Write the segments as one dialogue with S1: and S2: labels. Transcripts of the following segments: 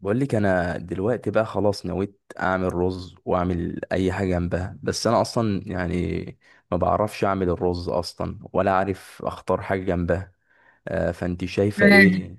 S1: بقول لك انا دلوقتي بقى خلاص نويت اعمل رز واعمل اي حاجه جنبها، بس انا اصلا يعني ما بعرفش اعمل الرز اصلا ولا عارف اختار حاجه جنبها. آه، فانت شايفه
S2: آه.
S1: ايه؟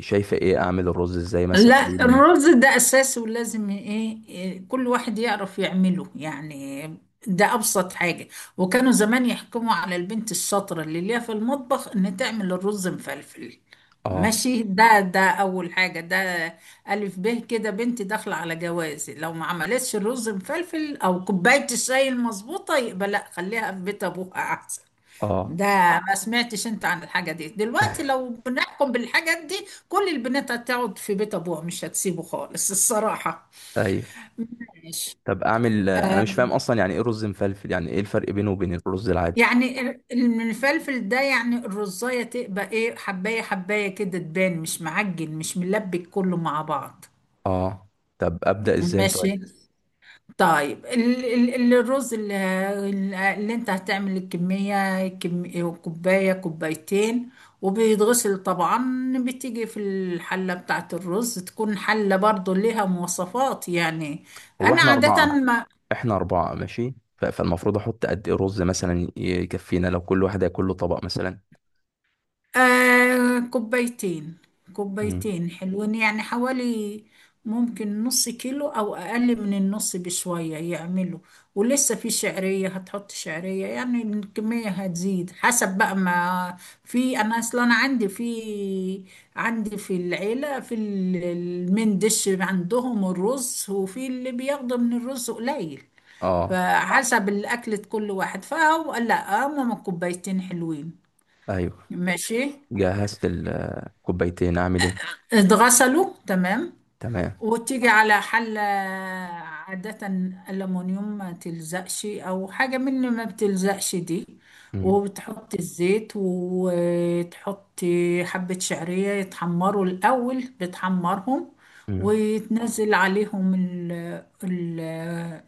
S1: شايفه ايه اعمل الرز ازاي مثلا؟ قولي
S2: لا،
S1: لي.
S2: الرز ده أساسي ولازم إيه إيه، كل واحد يعرف يعمله، يعني ده أبسط حاجة. وكانوا زمان يحكموا على البنت الشاطرة اللي ليها في المطبخ إن تعمل الرز مفلفل.
S1: اه.
S2: ماشي، ده أول حاجة. ده ألف ب كده، بنتي داخلة على جوازي لو ما عملتش الرز مفلفل أو كوباية الشاي المظبوطة، يبقى لا، خليها في بيت أبوها أحسن.
S1: اه.
S2: ده، ما سمعتش انت عن الحاجة دي؟ دلوقتي لو بنحكم بالحاجات دي، كل البنات هتقعد في بيت ابوها، مش هتسيبه خالص الصراحة.
S1: ايوه.
S2: ماشي.
S1: طب اعمل، انا مش فاهم اصلا يعني ايه رز مفلفل؟ يعني ايه الفرق بينه وبين الرز العادي؟
S2: يعني المفلفل ده، يعني الرزاية تبقى ايه، حباية حباية كده، تبان مش معجن، مش ملبك كله مع بعض.
S1: اه. طب ابدا ازاي
S2: ماشي.
S1: طيب؟
S2: طيب، الرز اللي انت هتعمل، الكمية كوباية، كوبايتين. وبيتغسل طبعا، بتيجي في الحلة بتاعت الرز، تكون حلة برضو ليها مواصفات يعني.
S1: هو
S2: انا
S1: احنا
S2: عادة آه.
S1: اربعه.
S2: ما
S1: احنا اربعة ماشي، فالمفروض احط قد ايه رز مثلا يكفينا لو كل واحد هياكل له طبق مثلا؟
S2: آه، كوبايتين.
S1: امم.
S2: كوبايتين حلوين يعني، حوالي ممكن نص كيلو أو أقل من النص بشوية يعملوا. ولسه في شعرية، هتحط شعرية، يعني الكمية هتزيد حسب بقى. ما في، أنا أصلا عندي في العيلة، في المندش عندهم الرز، وفي اللي بياخدوا من الرز قليل.
S1: اه.
S2: فحسب الأكلة كل واحد، فهو لا، هما كوبايتين حلوين.
S1: ايوه.
S2: ماشي.
S1: جهزت الكوبايتين، اعمل ايه؟
S2: اتغسلوا، تمام.
S1: تمام.
S2: وتيجي على حلة عادة ألمونيوم ما تلزقش، أو حاجة من ما بتلزقش دي.
S1: امم.
S2: وبتحط الزيت، وتحط حبة شعرية يتحمروا الأول، بتحمرهم.
S1: امم.
S2: وتنزل عليهم ال ال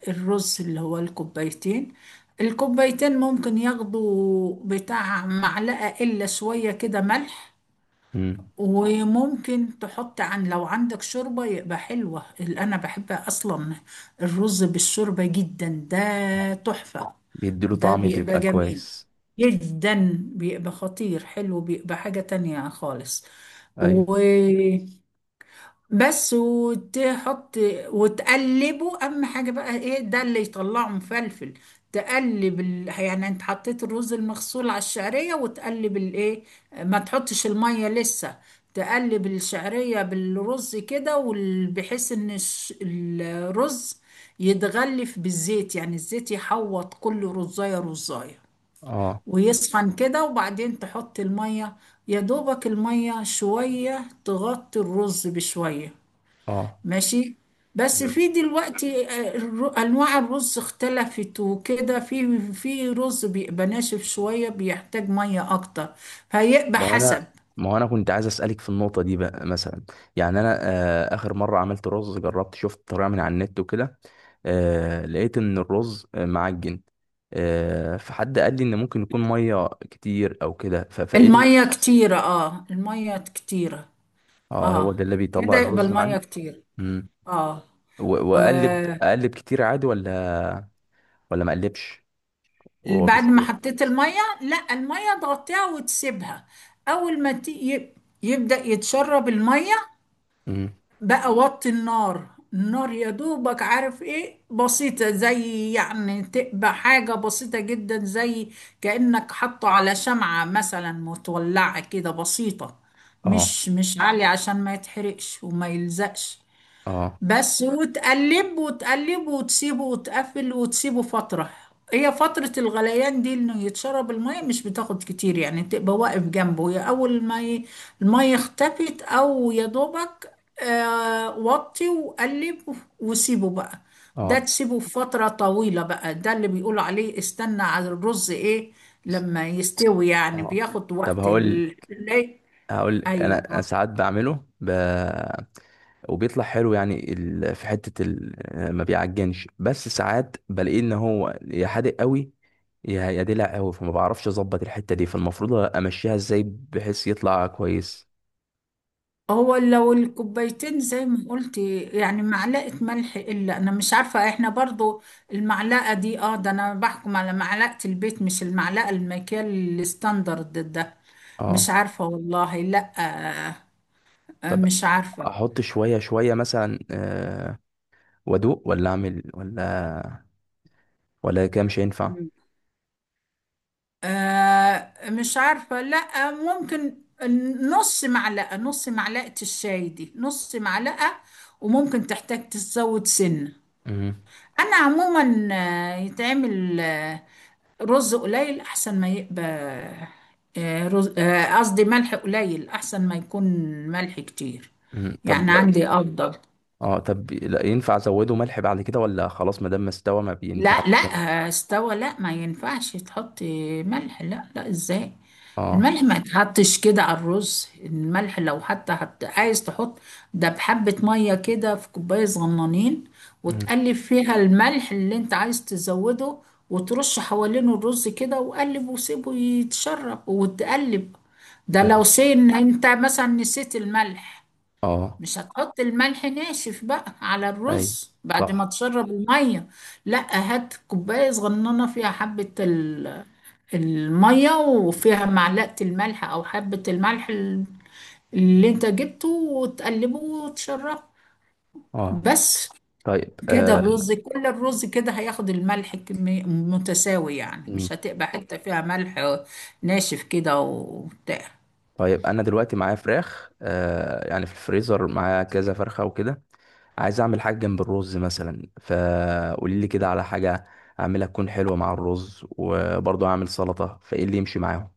S2: الرز اللي هو الكوبايتين. الكوبايتين ممكن ياخدوا بتاع معلقة إلا شوية كده ملح.
S1: امم.
S2: وممكن تحط، عن، لو عندك شوربة يبقى حلوة، اللي أنا بحبها أصلا الرز بالشوربة جدا، ده تحفة.
S1: بيديله
S2: ده
S1: طعم،
S2: بيبقى
S1: بيبقى
S2: جميل
S1: كويس.
S2: جدا، بيبقى خطير حلو، بيبقى حاجة تانية خالص.
S1: ايوه.
S2: بس. وتحط وتقلبه، اهم حاجه بقى ايه، ده اللي يطلعه مفلفل. تقلب ال... يعني انت حطيت الرز المغسول على الشعريه، وتقلب الايه. ما تحطش الميه لسه. تقلب الشعريه بالرز كده، بحيث ان الرز يتغلف بالزيت، يعني الزيت يحوط كل رزايه رزايه
S1: اه.
S2: ويسخن كده، وبعدين تحط الميه. يا دوبك الميه شويه، تغطي الرز بشويه.
S1: اه.
S2: ماشي. بس في دلوقتي آه، انواع الرز اختلفت وكده، في رز بيبقى ناشف شويه، بيحتاج ميه اكتر، فيبقى
S1: ما هو انا
S2: حسب.
S1: ما هو انا كنت عايز اسالك في النقطه دي بقى مثلا. يعني انا، اخر مره عملت رز، جربت شفت طريقه من على النت وكده. لقيت ان الرز معجن. فحد قال لي ان ممكن يكون ميه كتير او كده. فايه
S2: الميه كتيره، اه الميه كتيره.
S1: اه هو
S2: اه،
S1: ده اللي
S2: كده
S1: بيطلع
S2: يبقى
S1: الرز
S2: الميه
S1: معجن.
S2: كتير.
S1: مم.
S2: اه. و-
S1: واقلب كتير عادي؟ ولا ما اقلبش؟ وهو
S2: بعد ما
S1: بيستوي؟
S2: حطيت الميه، لا، الميه تغطيها وتسيبها. اول ما يبدأ يتشرب الميه
S1: مم.
S2: بقى، وطي النار. النار يا دوبك، عارف ايه، بسيطة، زي يعني تبقى حاجة بسيطة جدا، زي كأنك حاطه على شمعة مثلا متولعة كده، بسيطة.
S1: اه.
S2: مش مش عالية عشان ما يتحرقش وما يلزقش.
S1: اه.
S2: بس. وتقلب وتقلب وتسيبه وتقفل وتسيبه فترة. هي فترة الغليان دي، انه يتشرب المية مش بتاخد كتير، يعني تبقى واقف جنبه، يا اول ما المية اختفت او يا دوبك آه، وطي وقلب وسيبه بقى. ده
S1: اه.
S2: تسيبه فترة طويلة بقى، ده اللي بيقولوا عليه استنى على الرز ايه لما يستوي، يعني
S1: اه.
S2: بياخد
S1: طب
S2: وقت
S1: هقول
S2: ال... ال-.
S1: هقول
S2: ايوه.
S1: انا أنا ساعات بعمله وبيطلع حلو، يعني في حتة ما بيعجنش، بس ساعات بلاقيه ان هو يا حادق قوي، يا دلع قوي، فما بعرفش اظبط الحتة دي، فالمفروض امشيها ازاي بحيث يطلع كويس؟
S2: هو لو الكوبايتين زي ما قلتي، يعني معلقة ملح، إلا أنا مش عارفة إحنا برضو المعلقة دي. آه، ده أنا بحكم على معلقة البيت، مش المعلقة المكيال الستاندرد ده. مش
S1: اه.
S2: عارفة والله، لأ آه، آه،
S1: طب
S2: مش عارفة.
S1: احط شوية شوية مثلا، وادوق ولا اعمل ولا كده مش هينفع؟
S2: آه مش عارفة، لأ ممكن نص معلقة. نص معلقة الشاي دي، نص معلقة. وممكن تحتاج تزود سنة.
S1: مم.
S2: أنا عموما آه، يتعمل آه، رز قليل احسن ما يبقى آه، رز آه، قصدي ملح قليل احسن ما يكون ملح كتير.
S1: مم. طب
S2: يعني
S1: لا-
S2: عندي ليه افضل.
S1: اه طب، لا ينفع ازوده ملح بعد كده ولا خلاص ما دام ما استوى ما بينفعش
S2: لا لا.
S1: تاني؟
S2: آه، استوى، لا ما ينفعش تحطي ملح، لا لا، ازاي.
S1: اه.
S2: الملح ما يتحطش كده على الرز. الملح لو حتى عايز تحط، ده بحبة مية كده في كوباية صغنانين،
S1: مم.
S2: وتقلب فيها الملح اللي انت عايز تزوده، وترش حوالينه الرز كده، وقلب وسيبه يتشرب وتقلب. ده لو سين انت مثلا نسيت الملح،
S1: اه.
S2: مش هتحط الملح ناشف بقى على
S1: اي.
S2: الرز بعد ما
S1: صح.
S2: تشرب المية. لا، هات كوباية صغننة فيها حبة المية، وفيها معلقة الملح أو حبة الملح اللي انت جبته، وتقلبه وتشربه
S1: اه.
S2: بس.
S1: طيب.
S2: كده
S1: آه.
S2: الرز كل الرز كده هياخد الملح كمية متساوي، يعني
S1: مم.
S2: مش هتبقى حتة فيها ملح ناشف كده وبتاع.
S1: طيب انا دلوقتي معايا فراخ، يعني في الفريزر معايا كذا فرخه وكده. عايز اعمل حاجه جنب الرز مثلا، فقولي لي كده على حاجه اعملها تكون حلوه مع الرز، وبرضه اعمل سلطه، فايه اللي يمشي معاهم؟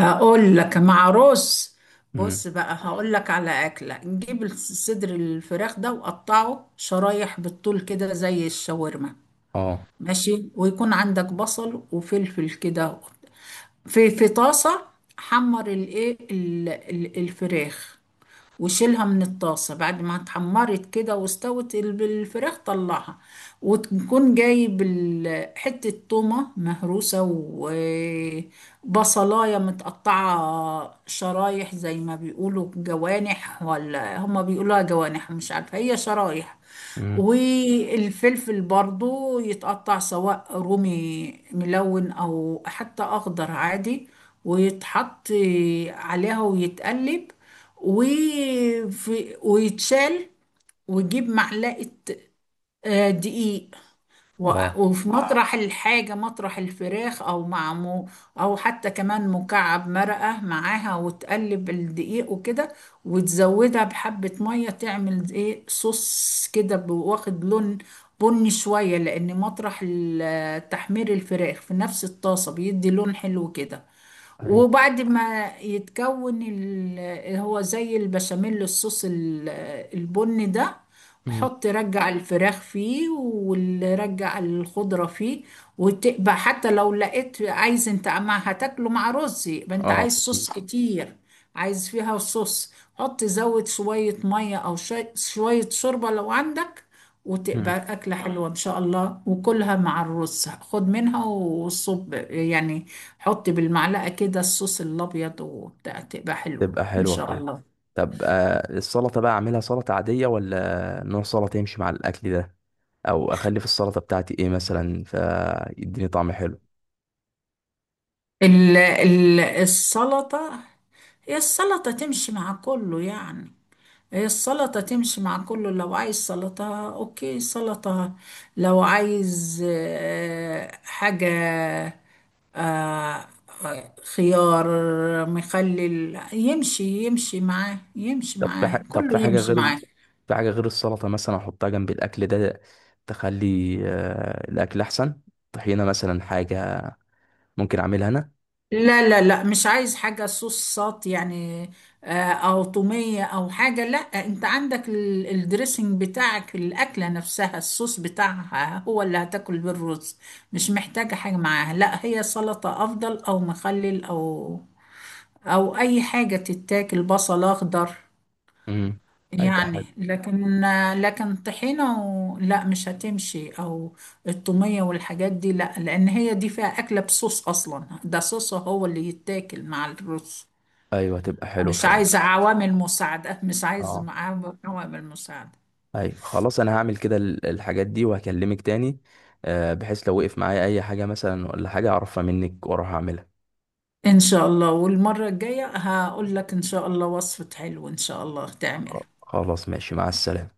S2: هقول لك مع رز،
S1: امم.
S2: بص بقى هقول لك على أكلة. نجيب صدر الفراخ ده وقطعه شرايح بالطول كده زي الشاورما.
S1: اه.
S2: ماشي، ويكون عندك بصل وفلفل كده في في طاسة. حمر الايه الفراخ، وشيلها من الطاسة بعد ما اتحمرت كده، واستوت الفراخ، طلعها. وتكون جايب حتة تومة مهروسة، وبصلاية متقطعة شرايح زي ما بيقولوا جوانح، ولا هما بيقولوها جوانح، مش عارفة، هي شرايح.
S1: امم.
S2: والفلفل برضو يتقطع، سواء رومي ملون او حتى اخضر عادي. ويتحط عليها ويتقلب، ويتشال. ويجيب معلقة آه، دقيق.
S1: اه.
S2: وفي آه. مطرح الحاجة، مطرح الفراخ، أو مع مو، أو حتى كمان مكعب مرقة معاها، وتقلب الدقيق وكده، وتزودها بحبة مية، تعمل إيه صوص كده، واخد لون بني شوية، لأن مطرح ال تحمير الفراخ في نفس الطاسة بيدي لون حلو كده.
S1: اي.
S2: وبعد ما يتكون هو زي البشاميل، الصوص البني ده،
S1: امم.
S2: حط رجع الفراخ فيه ورجع الخضرة فيه. وتبقى حتى لو لقيت، عايز انت ما هتاكله مع رز يبقى انت
S1: اه.
S2: عايز
S1: أكيد.
S2: صوص كتير. عايز فيها صوص، حط زود شوية مية أو شوية شوية شوربة لو عندك.
S1: مم.
S2: وتبقى أكلة حلوة إن شاء الله، وكلها مع الرز، خد منها وصب يعني، حط بالمعلقة كده الصوص الأبيض وبتاع، تبقى حلوة
S1: تبقى
S2: إن
S1: حلوه
S2: شاء
S1: فعلا.
S2: الله.
S1: طب، السلطة بقى أعملها سلطة عادية ولا نوع سلطة يمشي مع الأكل ده؟ أو أخلي في السلطة بتاعتي إيه مثلا فيديني طعم حلو؟
S2: ال السلطة، هي السلطة تمشي مع كله يعني. هي السلطة تمشي مع كله. لو عايز سلطة اوكي سلطة. لو عايز آه، حاجة آه، خيار مخلل، يمشي يمشي معاه، يمشي معاه،
S1: طب في
S2: كله
S1: حاجة
S2: يمشي
S1: غير
S2: معاه.
S1: في حاجة غير السلطة مثلا أحطها جنب الأكل ده تخلي، الأكل أحسن؟ طحينة مثلا، حاجة ممكن أعملها أنا؟
S2: لا لا لا، مش عايز حاجة صوصات يعني آه، أو طومية أو حاجة. لا، أنت عندك الدريسنج بتاعك، الأكلة نفسها الصوص بتاعها هو اللي هتاكل بالرز. مش محتاجة حاجة معاها، لا، هي سلطة أفضل، أو مخلل، أو أو أي حاجة تتاكل، بصل أخضر
S1: امم. هيبقى
S2: يعني.
S1: حلو.
S2: لكن، لكن طحينة و... لا مش هتمشي، او التومية والحاجات دي لا، لان هي دي فيها اكلة بصوص اصلا، ده صوص هو اللي يتاكل مع الرز.
S1: أيوه هتبقى حلو
S2: مش
S1: فعلا.
S2: عايزة عوامل مساعدة، مش عايزة
S1: أه.
S2: معاه عوامل مساعدة.
S1: أيوه خلاص، أنا هعمل كده الحاجات دي وهكلمك تاني، بحيث لو وقف معايا أي حاجة مثلا ولا حاجة أعرفها منك وأروح أعملها.
S2: ان شاء الله، والمرة الجاية هقول لك ان شاء الله وصفة حلو، ان شاء الله تعمله.
S1: خلاص ماشي، مع السلامة.